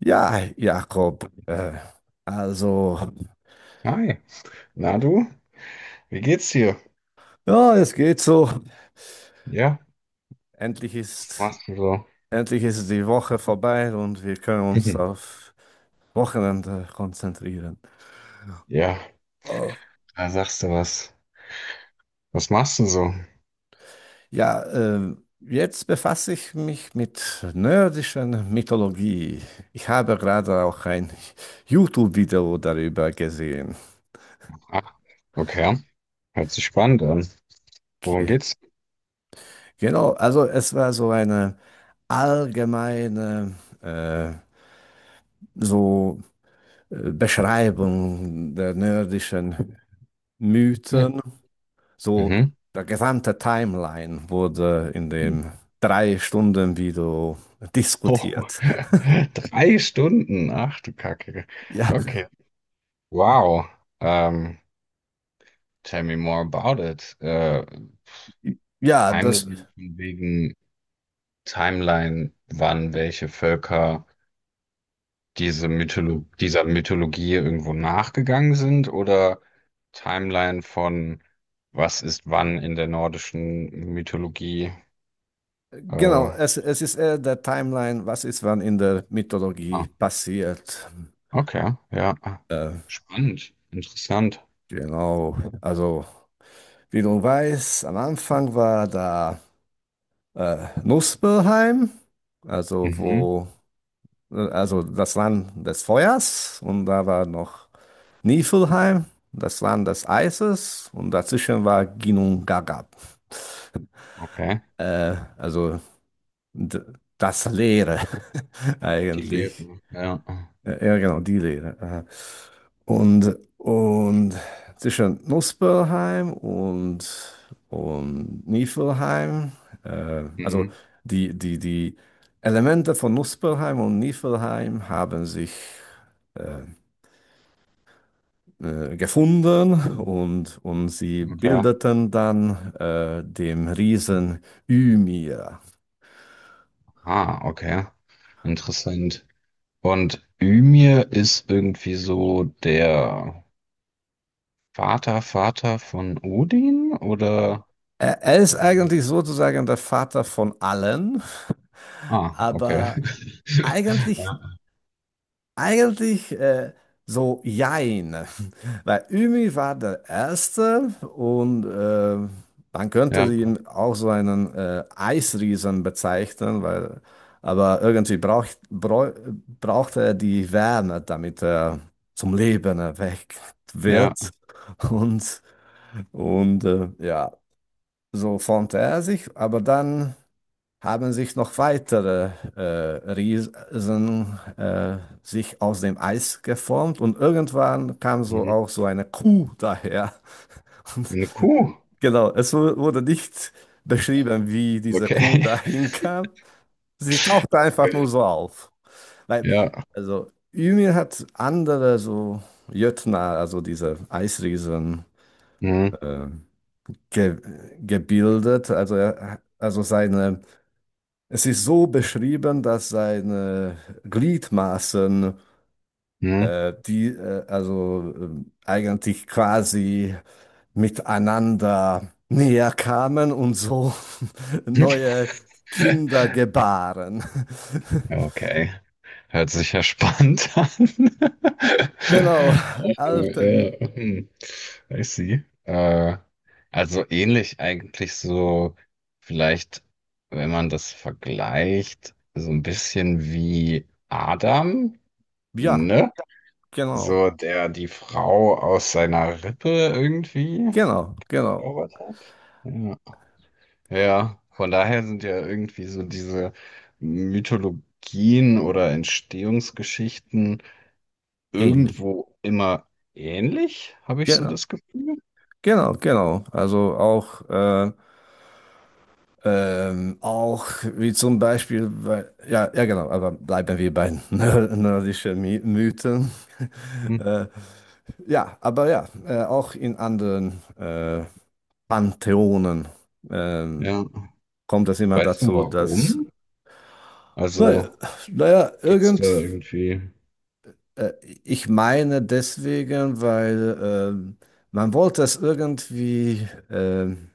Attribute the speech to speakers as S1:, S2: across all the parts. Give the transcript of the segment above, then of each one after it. S1: Ja, Jakob, also,
S2: Hi, na du? Wie geht's dir?
S1: ja, es geht so.
S2: Ja,
S1: Endlich
S2: was
S1: ist,
S2: machst du so?
S1: Endlich ist die Woche vorbei und wir können uns
S2: Mhm.
S1: auf Wochenende konzentrieren.
S2: Ja,
S1: Oh,
S2: da sagst du was. Was machst du so?
S1: ja, jetzt befasse ich mich mit nordischer Mythologie. Ich habe gerade auch ein YouTube-Video darüber gesehen.
S2: Ach, okay. Hört sich spannend an. Worum
S1: Ge
S2: geht's?
S1: genau, also es war so eine allgemeine, äh, so Beschreibung der nordischen
S2: Hm.
S1: Mythen. So,
S2: Mhm.
S1: der gesamte Timeline wurde in
S2: Hm.
S1: dem 3 Stunden Video
S2: Oh,
S1: diskutiert.
S2: drei Stunden. Ach du Kacke.
S1: Ja,
S2: Okay. Wow. Ähm, tell me more about it.
S1: ja, das,
S2: Timeline von wegen Timeline, wann welche Völker dieser Mythologie irgendwo nachgegangen sind oder Timeline von was ist wann in der nordischen Mythologie?
S1: genau,
S2: Äh,
S1: es ist eher der Timeline, was ist wann in der
S2: ah,
S1: Mythologie passiert.
S2: okay, ja.
S1: Äh,
S2: Spannend, interessant.
S1: genau, also, wie du weißt, am Anfang war da Muspelheim, also
S2: Mhm,
S1: wo also das Land des Feuers und da war noch Niflheim, das Land des Eises und dazwischen war Ginnungagap.
S2: okay.
S1: Also d- das Leere
S2: Die
S1: eigentlich.
S2: Lehre, ja.
S1: Ja, genau, die Leere. Und zwischen Nussböllheim und Niflheim, also
S2: Mhm,
S1: die Elemente von Nussböllheim und Niflheim haben sich äh, gefunden und sie
S2: okay.
S1: bildeten dann den Riesen Ymir.
S2: Ah, okay. Interessant. Und Ymir ist irgendwie so der Vater von Odin oder?
S1: Er ist eigentlich sozusagen der Vater von allen,
S2: Ah, okay.
S1: aber eigentlich Eigentlich so jein, weil Ümi war der Erste und man könnte
S2: Ja. Ja,
S1: ihn auch so einen Eisriesen bezeichnen, weil, aber irgendwie braucht er die Wärme, damit er zum Leben erweckt
S2: ja.
S1: wird und, und ja, so formte er sich, aber dann haben sich noch weitere Riesen sich aus dem Eis geformt und irgendwann kam so
S2: Mhm.
S1: auch so eine Kuh daher. Und
S2: Eine Kuh.
S1: genau, es wurde nicht beschrieben, wie diese Kuh
S2: Okay.
S1: dahin kam. Sie tauchte einfach nur so auf. Weil,
S2: Ja.
S1: also Ymir hat andere so Jötnar, also diese Eisriesen,
S2: Mhm.
S1: äh, ge gebildet. Also, er, also seine es ist so beschrieben, dass seine Gliedmaßen,
S2: Mhm.
S1: die also eigentlich quasi miteinander näher kamen und so neue Kinder gebaren.
S2: Okay. Hört sich ja spannend an.
S1: Genau, alte,
S2: Ja. hm. I see. Also ähnlich eigentlich so, vielleicht, wenn man das vergleicht, so ein bisschen wie Adam,
S1: ja,
S2: ne?
S1: genau,
S2: So, der die Frau aus seiner Rippe irgendwie
S1: genau, genau,
S2: zaubert hat. Ja. Ja, von daher sind ja irgendwie so diese Mythologien oder Entstehungsgeschichten
S1: ähnlich.
S2: irgendwo immer ähnlich, habe ich so
S1: Genau,
S2: das Gefühl.
S1: genau, genau. Also auch auch wie zum Beispiel, weil, ja, ja genau, aber bleiben wir bei nördischen My Mythen.
S2: Hm.
S1: äh, ja, aber ja, auch in anderen Pantheonen ähm,
S2: Ja.
S1: kommt es immer
S2: Weißt du
S1: dazu, dass,
S2: warum?
S1: naja,
S2: Also
S1: naja
S2: gibt's da
S1: irgend,
S2: irgendwie.
S1: äh, ich meine deswegen, weil man wollte es irgendwie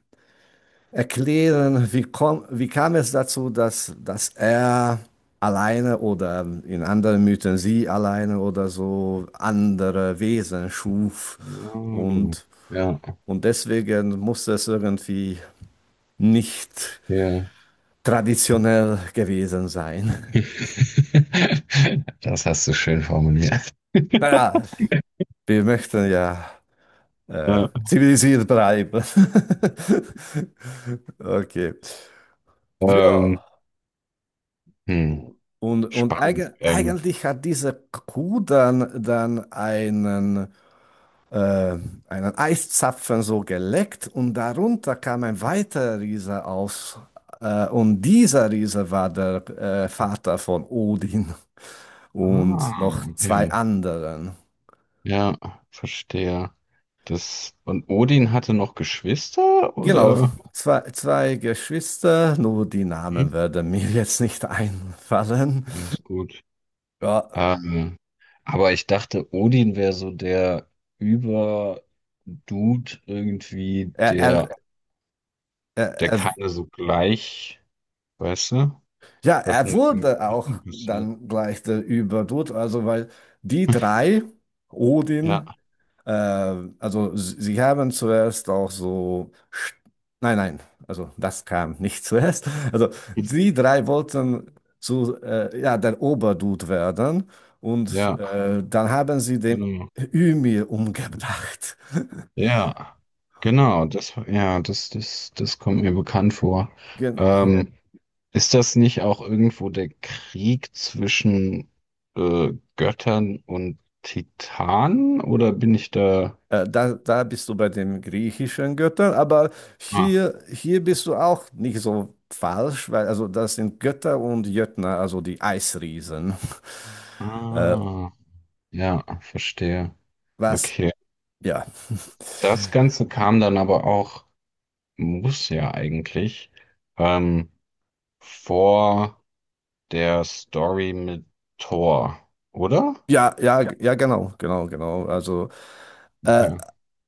S1: erklären, wie, komm, wie kam es dazu, dass er alleine oder in anderen Mythen sie alleine oder so andere Wesen schuf
S2: Hm.
S1: und,
S2: Ja,
S1: und deswegen muss es irgendwie nicht
S2: ja.
S1: traditionell gewesen sein.
S2: Das hast du schön formuliert.
S1: Naja, wir möchten ja
S2: Ja.
S1: zivilisiert bleiben. Okay. Ja.
S2: Ähm, Hm,
S1: Und
S2: spannend.
S1: eigentlich hat diese Kuh dann, dann einen, äh, einen Eiszapfen so geleckt und darunter kam ein weiterer Riese aus. Und dieser Riese war der Vater von Odin und noch zwei
S2: Okay.
S1: anderen.
S2: Ja, verstehe. Das, und Odin hatte noch Geschwister,
S1: Genau,
S2: oder?
S1: zwei Geschwister, nur die Namen
S2: Mhm,
S1: werden mir jetzt nicht einfallen.
S2: ja, ist gut.
S1: Ja,
S2: Ähm, aber ich dachte, Odin wäre so der Über-Dude irgendwie,
S1: er, er, er,
S2: der
S1: er
S2: keine so gleich, weißt du,
S1: Ja,
S2: was
S1: er
S2: denn mit den
S1: wurde auch
S2: Geschwistern passiert.
S1: dann gleich der Überdude, also weil die drei,
S2: Ja,
S1: Odin, äh, also sie haben zuerst auch so, nein, nein, also das kam nicht zuerst, also die drei wollten zu, ja, der Oberdude werden und
S2: ja,
S1: dann haben sie den
S2: genau.
S1: Ymir umgebracht.
S2: Ja, genau, das kommt mir bekannt vor. Ja. Ist das nicht auch irgendwo der Krieg zwischen äh, Göttern und Titanen oder bin ich da?
S1: Da bist du bei den griechischen Göttern, aber
S2: Ah,
S1: hier bist du auch nicht so falsch, weil also das sind Götter und Jötner, also die Eisriesen. Äh,
S2: ah, ja, verstehe.
S1: was?
S2: Okay.
S1: Ja,
S2: Das Ganze kam dann aber auch, muss ja eigentlich, ähm, vor der Story mit Thor, oder?
S1: ja, ja,
S2: Ja.
S1: ja, genau, genau, genau. Also, äh,
S2: Okay.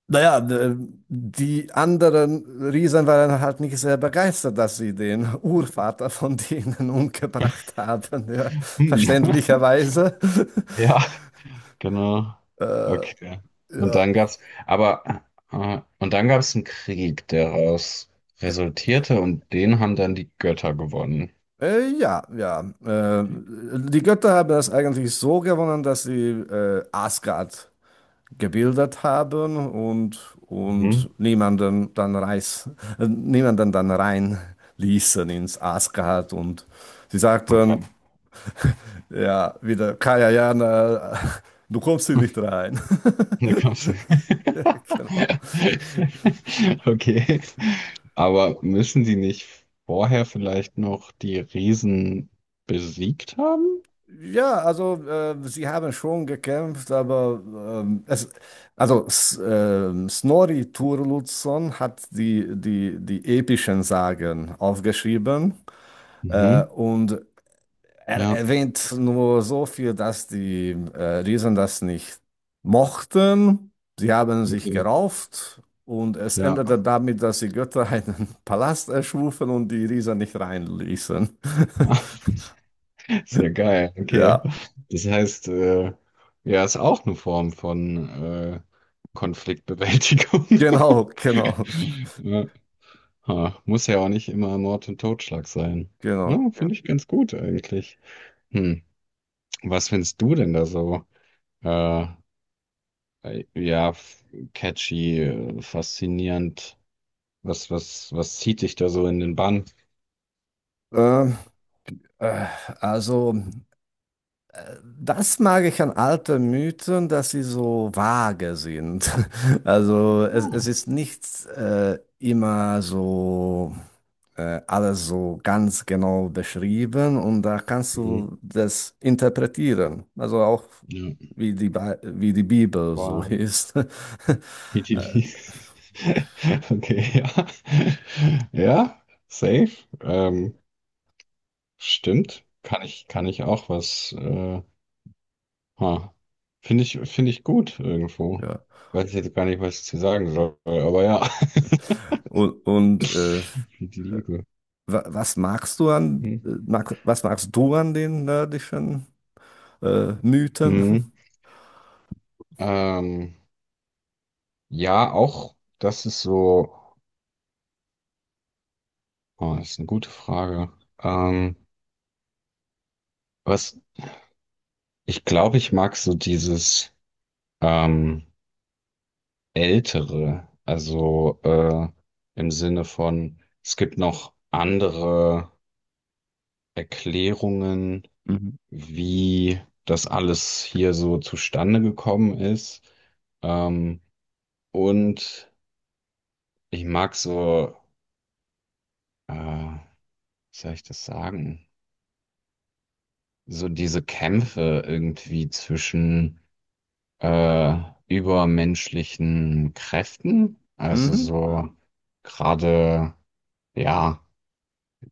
S1: naja, die anderen Riesen waren halt nicht sehr begeistert, dass sie den Urvater von denen umgebracht haben, ja,
S2: Hm.
S1: verständlicherweise.
S2: Ja, genau.
S1: Äh,
S2: Okay. Und
S1: ja.
S2: dann aber gab's einen Krieg, der daraus resultierte und den haben dann die Götter gewonnen.
S1: Ja, ja. Die Götter haben das eigentlich so gewonnen, dass sie Asgard gebildet haben und,
S2: Mhm.
S1: und niemanden dann rein ließen ins Asgard. Und sie sagten,
S2: Okay.
S1: ja, wieder Kajayana, du kommst hier nicht rein.
S2: Da kommst du.
S1: Genau.
S2: Okay. Aber müssen die nicht vorher vielleicht noch die Riesen besiegt haben?
S1: Ja, also sie haben schon gekämpft, aber es, also S Snorri Sturluson hat die epischen Sagen aufgeschrieben
S2: Mhm.
S1: und er
S2: Ja,
S1: erwähnt nur so viel, dass die Riesen das nicht mochten. Sie haben sich
S2: okay.
S1: gerauft und es
S2: Ja.
S1: endete damit, dass die Götter einen Palast erschufen und die Riesen nicht reinließen.
S2: Sehr geil, okay.
S1: Ja,
S2: Das heißt, ja, ist auch eine Form von Konfliktbewältigung.
S1: genau, genau.
S2: Ja. Ha, muss ja auch nicht immer Mord und Totschlag sein. Ja,
S1: Genau.
S2: Ja. Finde ich ganz gut eigentlich. Hm. Was findest du denn da so? Äh, ja, catchy, faszinierend. Was zieht dich da so in den Bann?
S1: Ähm, äh, also, das mag ich an alten Mythen, dass sie so vage sind. Also, es ist
S2: Ah,
S1: nicht immer so alles so ganz genau beschrieben und da kannst
S2: Hm.
S1: du das interpretieren. Also auch
S2: Ja.
S1: wie wie die Bibel so
S2: Boah.
S1: ist.
S2: Idili. Okay, ja. Ja, safe. Ähm, stimmt. Kann ich auch was. Ha. Finde ich gut irgendwo.
S1: Ja.
S2: Weiß ich jetzt gar nicht, was ich zu sagen soll, aber ja.
S1: Und
S2: Wie die Liebe.
S1: was magst du an,
S2: Hm.
S1: was magst du an den nördischen? Mythen?
S2: Mhm. Ähm, ja, auch das ist so. Oh, das ist eine gute Frage. Ähm, was ich glaube, ich mag so dieses. Ähm, ältere, also im Sinne von, es gibt noch andere Erklärungen,
S1: Mhm.
S2: wie das alles hier so zustande gekommen ist. Ähm, und ich mag so, wie soll ich das sagen? So diese Kämpfe irgendwie zwischen äh, übermenschlichen Kräften, also
S1: Mhm.
S2: so gerade, ja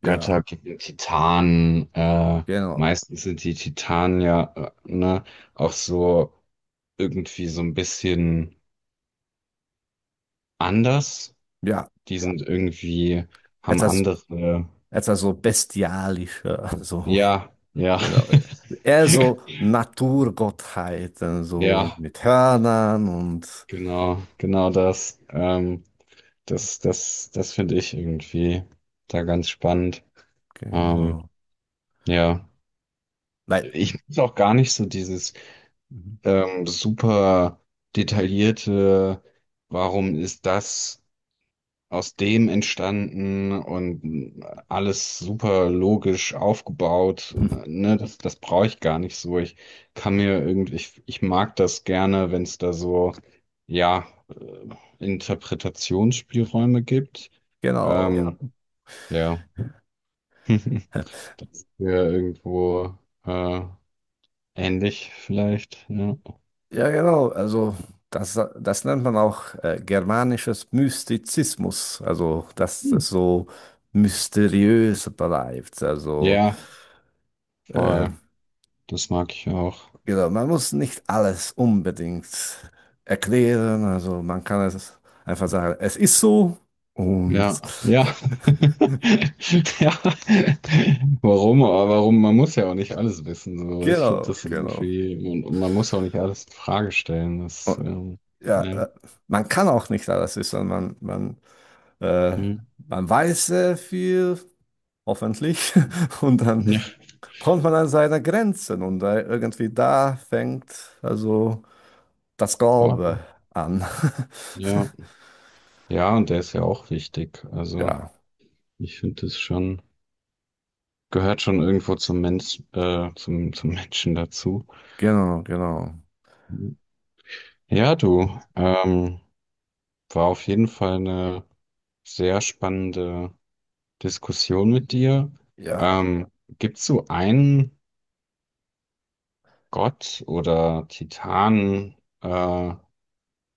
S1: Ja,
S2: Götter gegen Titanen.
S1: genau.
S2: Meistens sind die Titanen ja ne, auch so irgendwie so ein bisschen anders.
S1: Ja,
S2: Die sind irgendwie, haben
S1: etwas,
S2: andere.
S1: etwas so bestialischer, so,
S2: Ja, ja.
S1: genau. Eher so Naturgottheiten, so
S2: Ja,
S1: mit Hörnern und
S2: genau das. Das finde ich irgendwie da ganz spannend. Ähm,
S1: genau.
S2: ja,
S1: Nein,
S2: ich muss auch gar nicht so dieses
S1: mhm.
S2: super detaillierte, warum ist das aus dem entstanden und alles super logisch aufgebaut. Ne, das brauche ich gar nicht so. Ich kann mir irgendwie, ich mag das gerne, wenn es da so, ja, Interpretationsspielräume gibt. Ja.
S1: genau.
S2: Ja, das ist ja irgendwo äh, ähnlich vielleicht. Ja,
S1: Ja, genau. Also das nennt man auch germanisches Mystizismus. Also, dass
S2: hm.
S1: das so mysteriös bleibt. Also,
S2: Ja,
S1: äh,
S2: voll. Das mag ich auch.
S1: genau, man muss nicht alles unbedingt erklären. Also man kann es einfach sagen, es ist so. Und
S2: Ja, ja. Ja. Warum? Aber warum? Man muss ja auch nicht alles wissen. So. Ich finde
S1: genau,
S2: das
S1: genau.
S2: irgendwie, und man muss auch nicht alles in Frage stellen.
S1: Und, ja,
S2: Ne.
S1: man kann auch nicht alles wissen. Äh,
S2: Hm.
S1: man weiß sehr viel, hoffentlich. Und dann
S2: Ja.
S1: kommt man an seine Grenzen und da, irgendwie da fängt also das Glaube
S2: Voll.
S1: an.
S2: Ja. Ja, und der ist ja auch wichtig. Also,
S1: Ja,
S2: ich finde das schon, gehört schon irgendwo zum Mensch, zum, zum Menschen dazu.
S1: genau, genau.
S2: Ja, du, war auf jeden Fall eine sehr spannende Diskussion mit dir.
S1: Ja.
S2: Ähm, gibt es so einen Gott oder Titan, äh,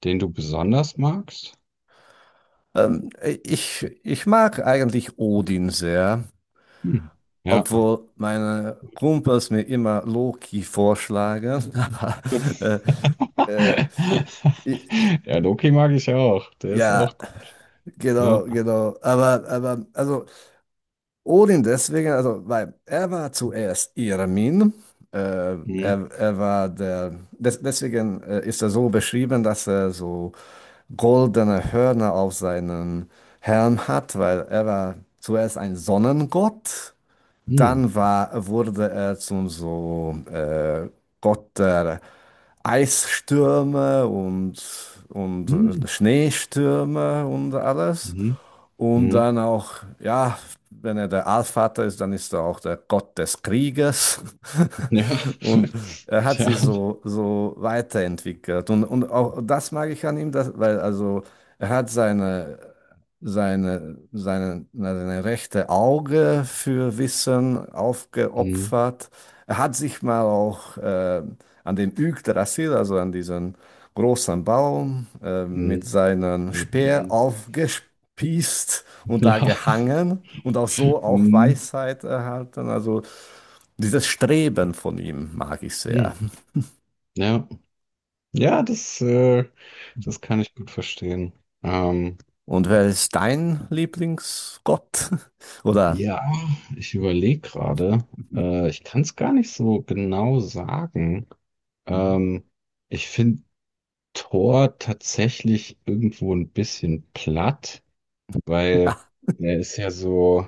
S2: den du besonders magst?
S1: Ähm, ich mag eigentlich Odin sehr,
S2: Hm. Ja.
S1: obwohl meine Kumpels mir immer Loki vorschlagen. Aber äh, äh, i- i-
S2: Ja, Loki mag ich auch. Der ist
S1: ja,
S2: auch gut.
S1: genau,
S2: Ja.
S1: genau. Aber also Odin deswegen, also, weil er war zuerst Irmin. Äh,
S2: Hm.
S1: er war deswegen ist er so beschrieben, dass er so goldene Hörner auf seinem Helm hat, weil er war zuerst ein Sonnengott,
S2: Hm.
S1: dann wurde er zum so Gott der Eisstürme und
S2: Hm.
S1: Schneestürme und alles.
S2: Mhm.
S1: Und
S2: Hm.
S1: dann auch, ja, wenn er der Allvater ist, dann ist er auch der Gott des Krieges.
S2: Ja.
S1: Und er hat sich
S2: Ja.
S1: so weiterentwickelt. Und auch das mag ich an ihm, dass, weil also er hat seine rechte Auge für Wissen
S2: Hm.
S1: aufgeopfert. Er hat sich mal auch an den Yggdrasil, also an diesen großen Baum,
S2: Hm.
S1: mit seinem Speer aufgespießt und da
S2: Ja.
S1: gehangen und auch so auch
S2: Hm.
S1: Weisheit erhalten. Also dieses Streben von ihm mag ich sehr.
S2: Hm. Ja. Ja, das, das kann ich gut verstehen. Ähm,
S1: Und wer ist dein Lieblingsgott? Oder?
S2: Ja, ich überlege gerade. Ich kann es gar nicht so genau sagen.
S1: Mhm.
S2: Ähm, ich finde Thor tatsächlich irgendwo ein bisschen platt, weil
S1: Ja.
S2: er ist ja so,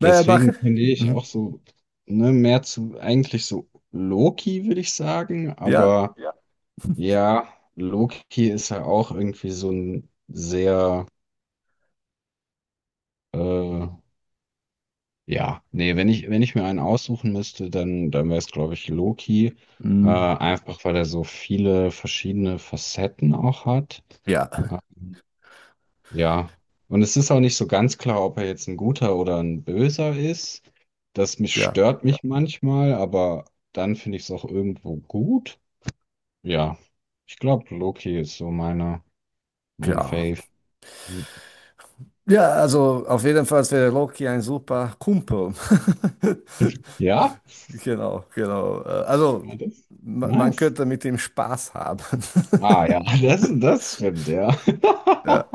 S1: Naja, mach.
S2: deswegen finde ich auch
S1: Mhm.
S2: so, ne, mehr zu, eigentlich so Loki, würde ich sagen,
S1: Ja.
S2: aber Ja. Ja, Loki ist ja auch irgendwie so ein sehr äh, Ja, nee, wenn ich mir einen aussuchen müsste, dann wäre es, glaube ich, Loki.
S1: Mhm.
S2: Einfach weil er so viele verschiedene Facetten auch hat.
S1: Ja,
S2: Ähm, ja. Und es ist auch nicht so ganz klar, ob er jetzt ein guter oder ein böser ist. Das mich
S1: ja,
S2: stört mich manchmal, aber dann finde ich es auch irgendwo gut. Ja, ich glaube, Loki ist so mein
S1: ja.
S2: Fave.
S1: Ja, also auf jeden Fall wäre Loki ein super Kumpel.
S2: Ja,
S1: Genau, genau. Also
S2: ja, das,
S1: man
S2: nice.
S1: könnte mit ihm Spaß haben.
S2: Ah ja, das, das stimmt, ja.
S1: Ja.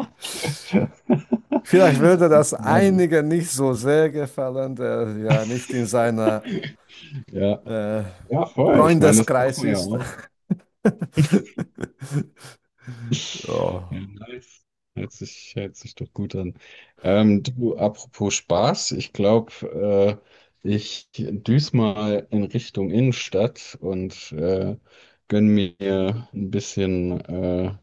S2: Ja.
S1: Vielleicht würde
S2: Alles
S1: das
S2: klar, du.
S1: einigen nicht so sehr gefallen, der ja nicht in seiner
S2: Ja.
S1: äh,
S2: Ja, voll. Ich meine, das braucht
S1: Freundeskreis
S2: man ja
S1: ist.
S2: auch. Ja,
S1: Oh,
S2: nice. Hört sich doch gut an. Du, apropos Spaß, ich glaube, ich düse mal in Richtung Innenstadt und gönn mir ein bisschen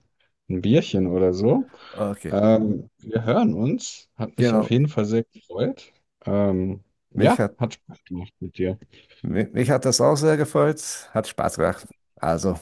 S2: ein Bierchen oder so.
S1: okay,
S2: Wir hören uns. Hat mich auf
S1: genau.
S2: jeden Fall sehr gefreut. Ähm,
S1: Mich
S2: ja,
S1: hat,
S2: hat Spaß gemacht mit dir.
S1: mich hat das auch sehr gefreut. Hat Spaß gemacht. Also.